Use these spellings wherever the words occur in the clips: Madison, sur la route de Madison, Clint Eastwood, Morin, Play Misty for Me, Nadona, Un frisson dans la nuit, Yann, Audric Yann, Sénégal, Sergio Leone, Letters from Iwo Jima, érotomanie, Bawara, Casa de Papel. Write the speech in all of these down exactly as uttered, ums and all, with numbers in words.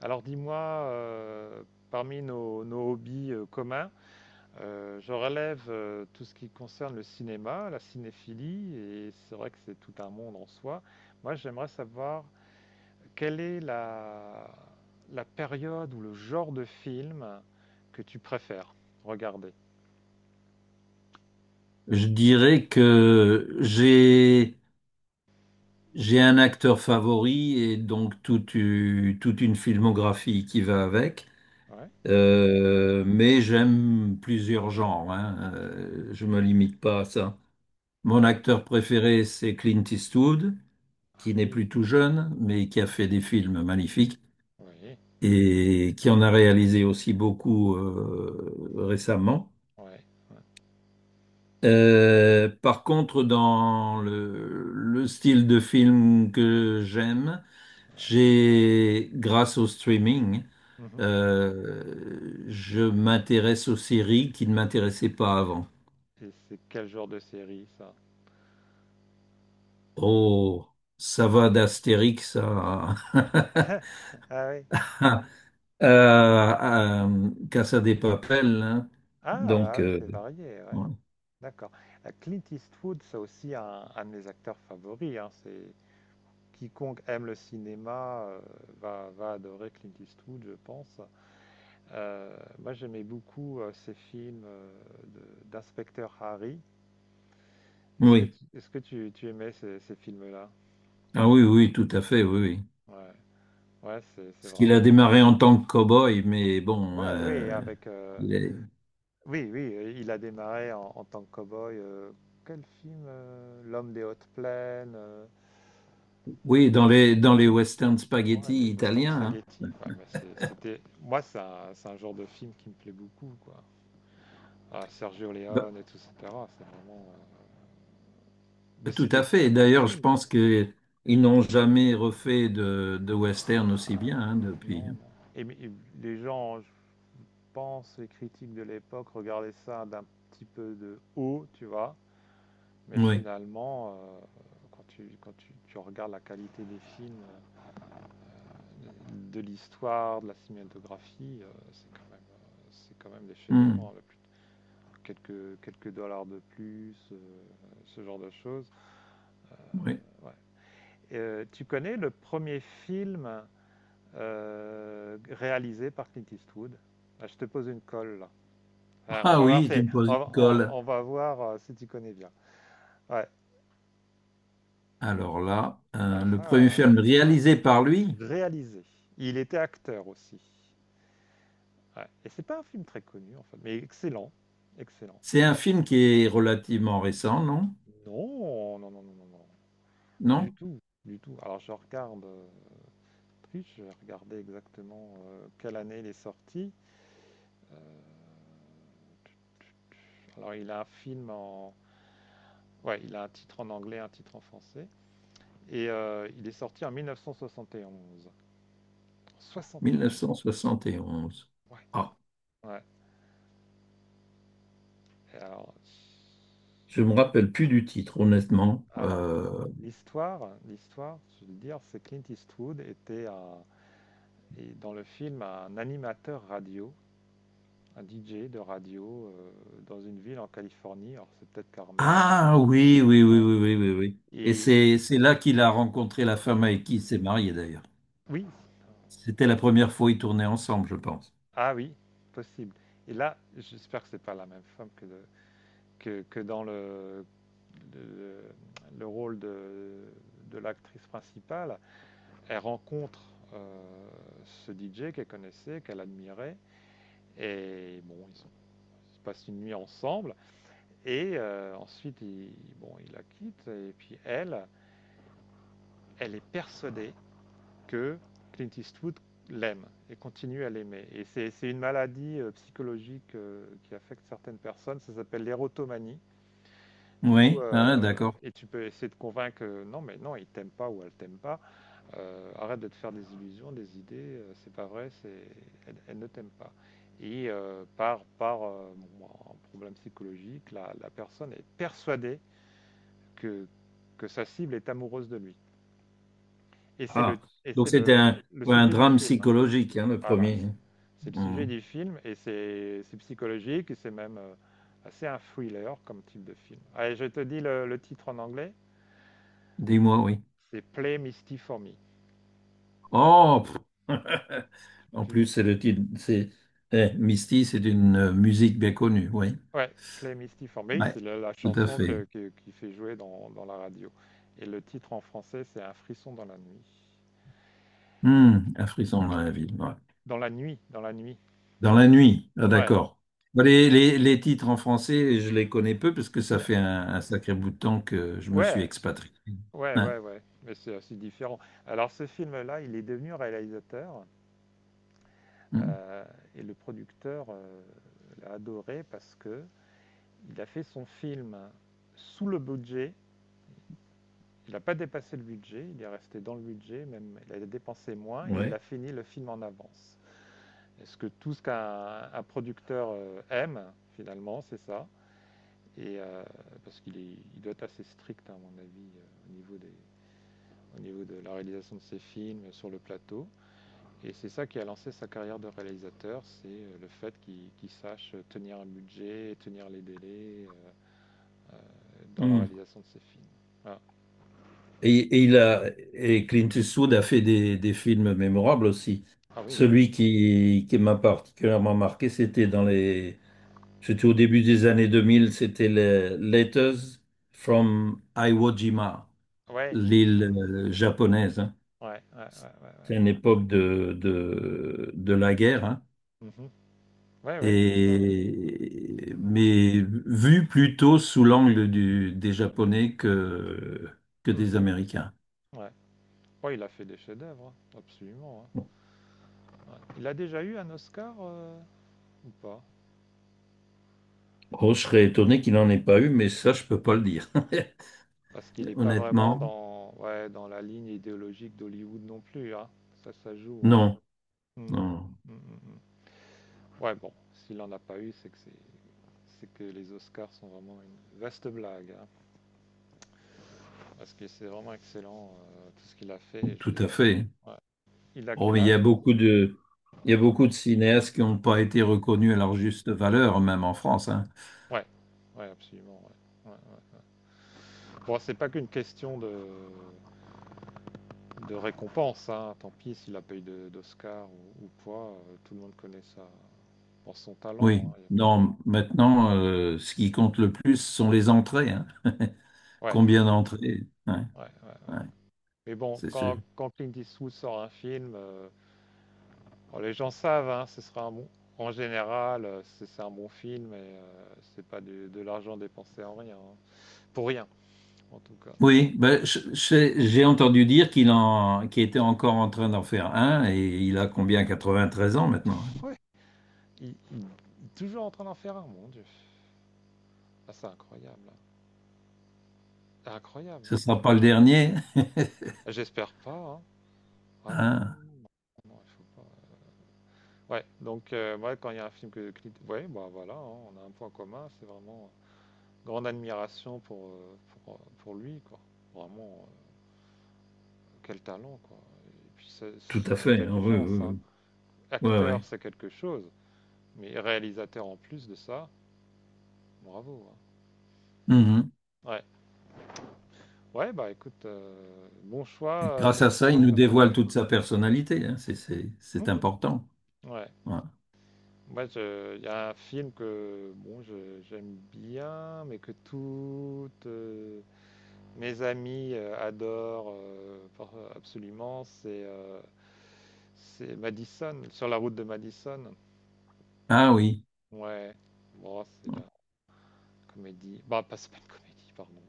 Alors dis-moi, euh, parmi nos, nos hobbies euh, communs, euh, je relève euh, tout ce qui concerne le cinéma, la cinéphilie, et c'est vrai que c'est tout un monde en soi. Moi, j'aimerais savoir quelle est la, la période ou le genre de film que tu préfères regarder. Je dirais que j'ai j'ai un acteur favori et donc toute, u- toute une filmographie qui va avec. Ouais, Euh, mais j'aime plusieurs genres, hein. Euh, je me limite pas à ça. Mon d'accord. acteur préféré, c'est Clint Eastwood, Ah qui n'est oui, plus tout jeune, mais qui a fait des films magnifiques oui, et qui en a réalisé aussi beaucoup euh, récemment. ouais, ouais, Euh, par contre, dans le, le style de film que j'aime, ouais. j'ai, grâce au streaming, Mhm. euh, je m'intéresse aux séries qui ne m'intéressaient pas avant. Et c'est quel genre de série, ça? Oh, ça va d'Astérix à, Ah oui, à, à Casa de Papel, hein. ah, ah Donc, oui, euh, c'est varié, ouais. ouais. D'accord. Heu, Clint Eastwood, c'est aussi un un de mes acteurs favoris, hein. C'est quiconque aime le cinéma, heu, va va adorer Clint Eastwood, je pense. Heu, moi, j'aimais beaucoup, heu, ses films, heu, de d'inspecteur Harry. Est-ce que Oui, tu est-ce que tu tu aimais ces ces films-là? ah oui, oui, tout à fait, oui, oui. Ouais. Ouais, c'est c'est Parce qu'il a vraiment démarré en tant que cow-boy, mais bon, ouais, euh, oui, avec, heu, les- oui, oui, heu, il a démarré en en tant que cow-boy, heu, quel film, heu? L'homme des hautes plaines, heu oui, dans les, dans les western Ouais, les spaghetti western italiens, hein. spaghetti, ouais, mais c'est- c'était... Moi, c'est un, c'est un genre de film qui me plaît beaucoup, quoi. Ah, Sergio Bah, Leone et tout, et cetera. C'est vraiment... euh, Mais c'est tout à des très fait. bons D'ailleurs, je films. pense qu'ils n'ont jamais refait de, de western aussi bien hein, depuis. Non, non. Et, mais- et les gens, je pense, les critiques de l'époque regardaient ça d'un petit peu de haut, tu vois. Mais Oui. finalement, euh, quand tu, quand tu, tu regardes la qualité des films, euh, de, de l'histoire, de la cinématographie, euh, c'est quand même, euh, c'est quand même des chefs-d'œuvre, hein, Hmm. la quelques, quelques dollars de plus, euh, ce genre de choses. Oui. Ouais. Euh, tu connais le premier film euh, réalisé par Clint Eastwood? Ah, je te pose une colle là. Ah, on Ah va voir, oui, si, tu me poses on, une colle. on- on va voir euh, si tu connais bien. Ouais. Alors là, euh, Ah, le premier ah. film réalisé par lui, Réalisé. Il était acteur aussi. Ouais. Et c'est pas un film très connu en fait, mais excellent, excellent. c'est un film qui est relativement récent, non? Non, non, non, non, non, non. Du Non? tout, du tout. Alors je regarde. euh, Je vais regarder exactement euh, quelle année il est sorti. Euh, alors, il a un film en. Ouais, il a un titre en anglais, un titre en français. Et euh, il est sorti en mille neuf cent soixante et onze. soixante et onze. mille neuf cent soixante et onze. Ouais. Ah. Ouais. Et alors, Je me il- rappelle plus du titre, honnêtement. alors Euh, l'histoire, l'histoire, je veux dire, c'est Clint Eastwood était un- et dans le film un animateur radio, un D J de radio euh, dans une ville en Californie. Alors c'est peut-être Carmel. Ah oui, oui, oui, Ouais. oui, oui, oui, oui. Et Et c'est c'est là qu'il a rencontré la femme avec qui il s'est marié d'ailleurs. oui, C'était la première fois qu'ils tournaient ensemble, je pense. ah oui, possible. Et là, j'espère que c'est pas la même femme que, de- que, que dans le, le, le rôle de, de l'actrice principale. Elle rencontre euh, ce D J qu'elle connaissait, qu'elle admirait, et bon, ils, sont- ils passent une nuit ensemble, et euh, ensuite, il, bon, il la quitte, et puis elle, elle est persuadée que Clint Eastwood l'aime et continue à l'aimer. Et c'est c'est une maladie euh, psychologique euh, qui affecte certaines personnes, ça s'appelle l'érotomanie. Où, Oui, hein, euh, d'accord. et tu peux essayer de convaincre, euh, non mais non, il t'aime pas ou elle t'aime pas. Euh, arrête de te faire des illusions, des idées, euh, c'est pas vrai, c'est, elle, elle ne t'aime pas. Et euh, par, par euh, bon, un problème psychologique, la, la personne est persuadée que, que sa cible est amoureuse de lui. Et c'est le, Ah, et donc c'est c'était le, un, le ouais, un sujet du drame film. psychologique, hein, le Voilà, premier, c hein. c'est le sujet Hum, du film et c'est c'est psychologique et c'est même, heu, assez un thriller comme type de film. Allez, je te dis le le titre en anglais, dis-moi, oui. c'est Play Misty for Me. Oh, pff. En Tu plus, c'est le titre. C'est eh, Misty, c'est une euh, musique bien connue, oui. ouais, Play Misty for Me, Ouais, c'est la la tout à chanson fait. que que qui fait jouer dans dans la radio, et le titre en français, c'est Un frisson dans la nuit. Hum, un frisson dans la ville, ouais. Dans la nuit, dans la nuit. Dans la nuit, ah, Ouais. d'accord. Bon, Les, les- les titres en français, je les connais peu parce que ça N fait un, un sacré bout de temps que je me suis ouais, expatrié. ouais, Hein, ouais, ouais, mais c'est assez différent. Alors ce film-là, il est devenu réalisateur. hum, Euh, et le producteur euh, l'a adoré parce que il a fait son film sous le budget. Il n'a pas dépassé le budget, il est resté dans le budget, même il a dépensé moins et il a ouais, fini le film en avance. Est-ce que tout ce qu'un un producteur euh, aime, finalement, c'est ça, et euh, parce qu'il est- il doit être assez strict, hein, à mon avis, euh, au, niveau des- au niveau de la réalisation de ses films, sur le plateau. Et c'est ça qui a lancé sa carrière de réalisateur, c'est euh, le fait qu'il qu'il sache tenir un budget, tenir les délais euh, euh, dans la hum. réalisation de ses films. Ah. Et, et il a, et Clint Eastwood a fait des, des films mémorables aussi. Ah oui, Celui qui, qui m'a particulièrement marqué, c'était dans les... C'était au début des années deux mille, c'était les Letters from Iwo Jima, ouais, l'île euh, japonaise, hein. ouais, ouais, ouais, ouais, C'est ouais. une époque de, de, de la guerre, hein. Mhm. Ouais, ouais, c'est ça. Ouais. Et, mais vu plutôt sous l'angle du, des Japonais que, que des Mhm. Américains. Ouais. Ouais, il a fait des chefs-d'œuvre, hein, absolument, hein. Ouais. Il a déjà eu un Oscar euh, ou pas? Oh, je serais étonné qu'il n'en ait pas eu, mais ça, je peux pas le dire. Parce qu'il n'est pas vraiment Honnêtement, dans, ouais, dans la ligne idéologique d'Hollywood non plus, hein. Ça, ça joue, hein. non, Mm. non, Mm, mm, mm. Ouais, bon, s'il n'en a pas eu, c'est que c'est c'est que les Oscars sont vraiment une vaste blague, hein, parce que c'est vraiment excellent euh, tout ce qu'il a fait. Je- tout à fait. je- ouais. Il a Oh, quel mais il y a âge? beaucoup de, il y a beaucoup de cinéastes qui n'ont pas été reconnus à leur juste valeur, même en France, hein. Ouais, ouais, absolument, ouais. Ouais, ouais. Bon, c'est pas qu'une question de, de récompense, hein. Tant pis s'il a pas eu de- d'Oscar ou, ou quoi, euh, tout le monde connaît ça pour son talent, Oui, hein, y a pas de... non, maintenant, euh, ce qui compte le plus ce sont les entrées, hein. Ouais, Combien d'entrées? Ouais, ouais, ouais, ouais. ouais, Mais bon, c'est sûr. quand, quand Clint Eastwood sort un film, euh, alors, les gens savent, hein, ce sera un bon. En général, euh, c'est c'est un bon film et euh, c'est pas du- de l'argent dépensé en rien, hein. Pour rien, en tout cas. Oui, ben, je- je- j'ai entendu dire qu'il en, qu'il était encore en train d'en faire un et il a combien? quatre-vingt-treize ans maintenant, hein. Ouais. Il, il- il est toujours en train d'en faire un, mon dieu. Ah, c'est incroyable, hein. C'est incroyable, Ce hein. ne sera pas le dernier. J'espère pas, hein. Ah non, non, Ah, non, non, il faut pas. Ouais, ouais, donc, euh, ouais, quand il y a un film que Clint. Ouais, bah voilà, hein, on a un point commun. C'est vraiment euh, grande admiration pour, euh, pour, euh, pour lui, quoi. Vraiment, euh, quel talent, quoi. Et puis, c'est- tout c'est à fait, hein. Oui, intelligence, oui, hein, oui. Ouais, ouais. acteur, c'est quelque chose, mais réalisateur en plus de ça, bravo, hein. Mhm. Mm. Ouais, ouais, bah écoute, euh, bon Et choix, euh, grâce bon à choix ça, il nous d'acteur dévoile favori. toute sa personnalité, hein. C'est, c'est- c'est Mhm. important. Ouais, Ouais. moi, je- il y a un film que bon, je- j'aime bien, mais que toutes euh, mes amies euh, adorent euh, par- absolument, c'est euh, c'est Madison, sur la route de Madison. Ah oui. Ouais, bon, c'est la comédie. Bah, pas, c'est pas une comédie, pardon.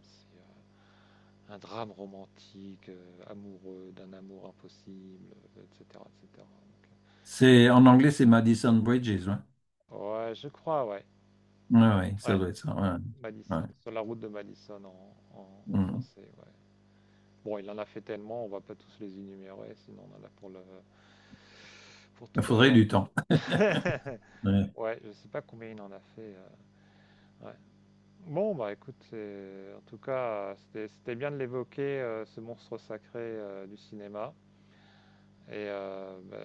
Un drame romantique, euh, amoureux, d'un amour impossible, euh, et cetera, et cetera. Donc, C'est, en anglais, c'est Madison Bridges. Ouais. euh, ouais, je crois, ouais. Ouais, ouais, ça Ouais, doit être ça, ouais. Ouais. Madison, sur la route de Madison en, en- en Mhm. français, ouais. Bon, il en a fait tellement, on va pas tous les énumérer, sinon on en a pour le, pour Il toute la faudrait journée. du temps. Ouais. Ouais, je sais pas combien il en a fait. euh, Ouais. Bon, bah écoute, c'est- en tout cas, euh, c'était c'était bien de l'évoquer, euh, ce monstre sacré euh, du cinéma. Et euh, bah,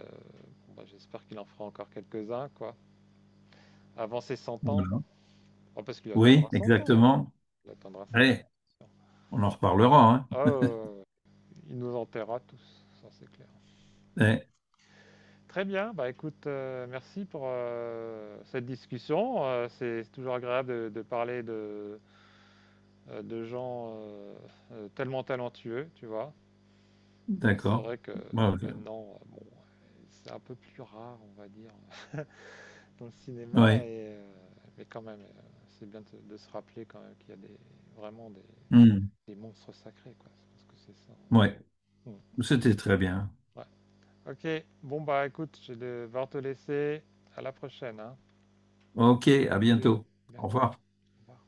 bon, bah, j'espère qu'il en fera encore quelques-uns, quoi. Avant ses cent ans. Voilà. Oh, parce qu'il Oui, atteindra cent ans. exactement. Il atteindra cent Allez, ans. c'est sûr. on en reparlera, hein. Ah, euh, il nous enterrera tous, ça c'est clair. Ouais, Très bien, bah écoute, euh, merci pour euh, cette discussion. Euh, c'est toujours agréable de, de parler de, euh, de gens euh, euh, tellement talentueux, tu vois. Ah, c'est d'accord. vrai que Bon, je- maintenant, euh, bon, c'est un peu plus rare, on va dire, dans le cinéma, ouais. et, euh, mais quand même, euh, c'est bien de, de se rappeler quand même qu'il y a des, vraiment des, Hmm, des monstres sacrés, quoi. Je pense que c'est ça. ouais. Mmh. C'était très bien. Ouais. Ok, bon bah écoute, je vais devoir te laisser. À la prochaine, hein. Ok, à Salut, bientôt. Au bientôt. revoir. Au revoir.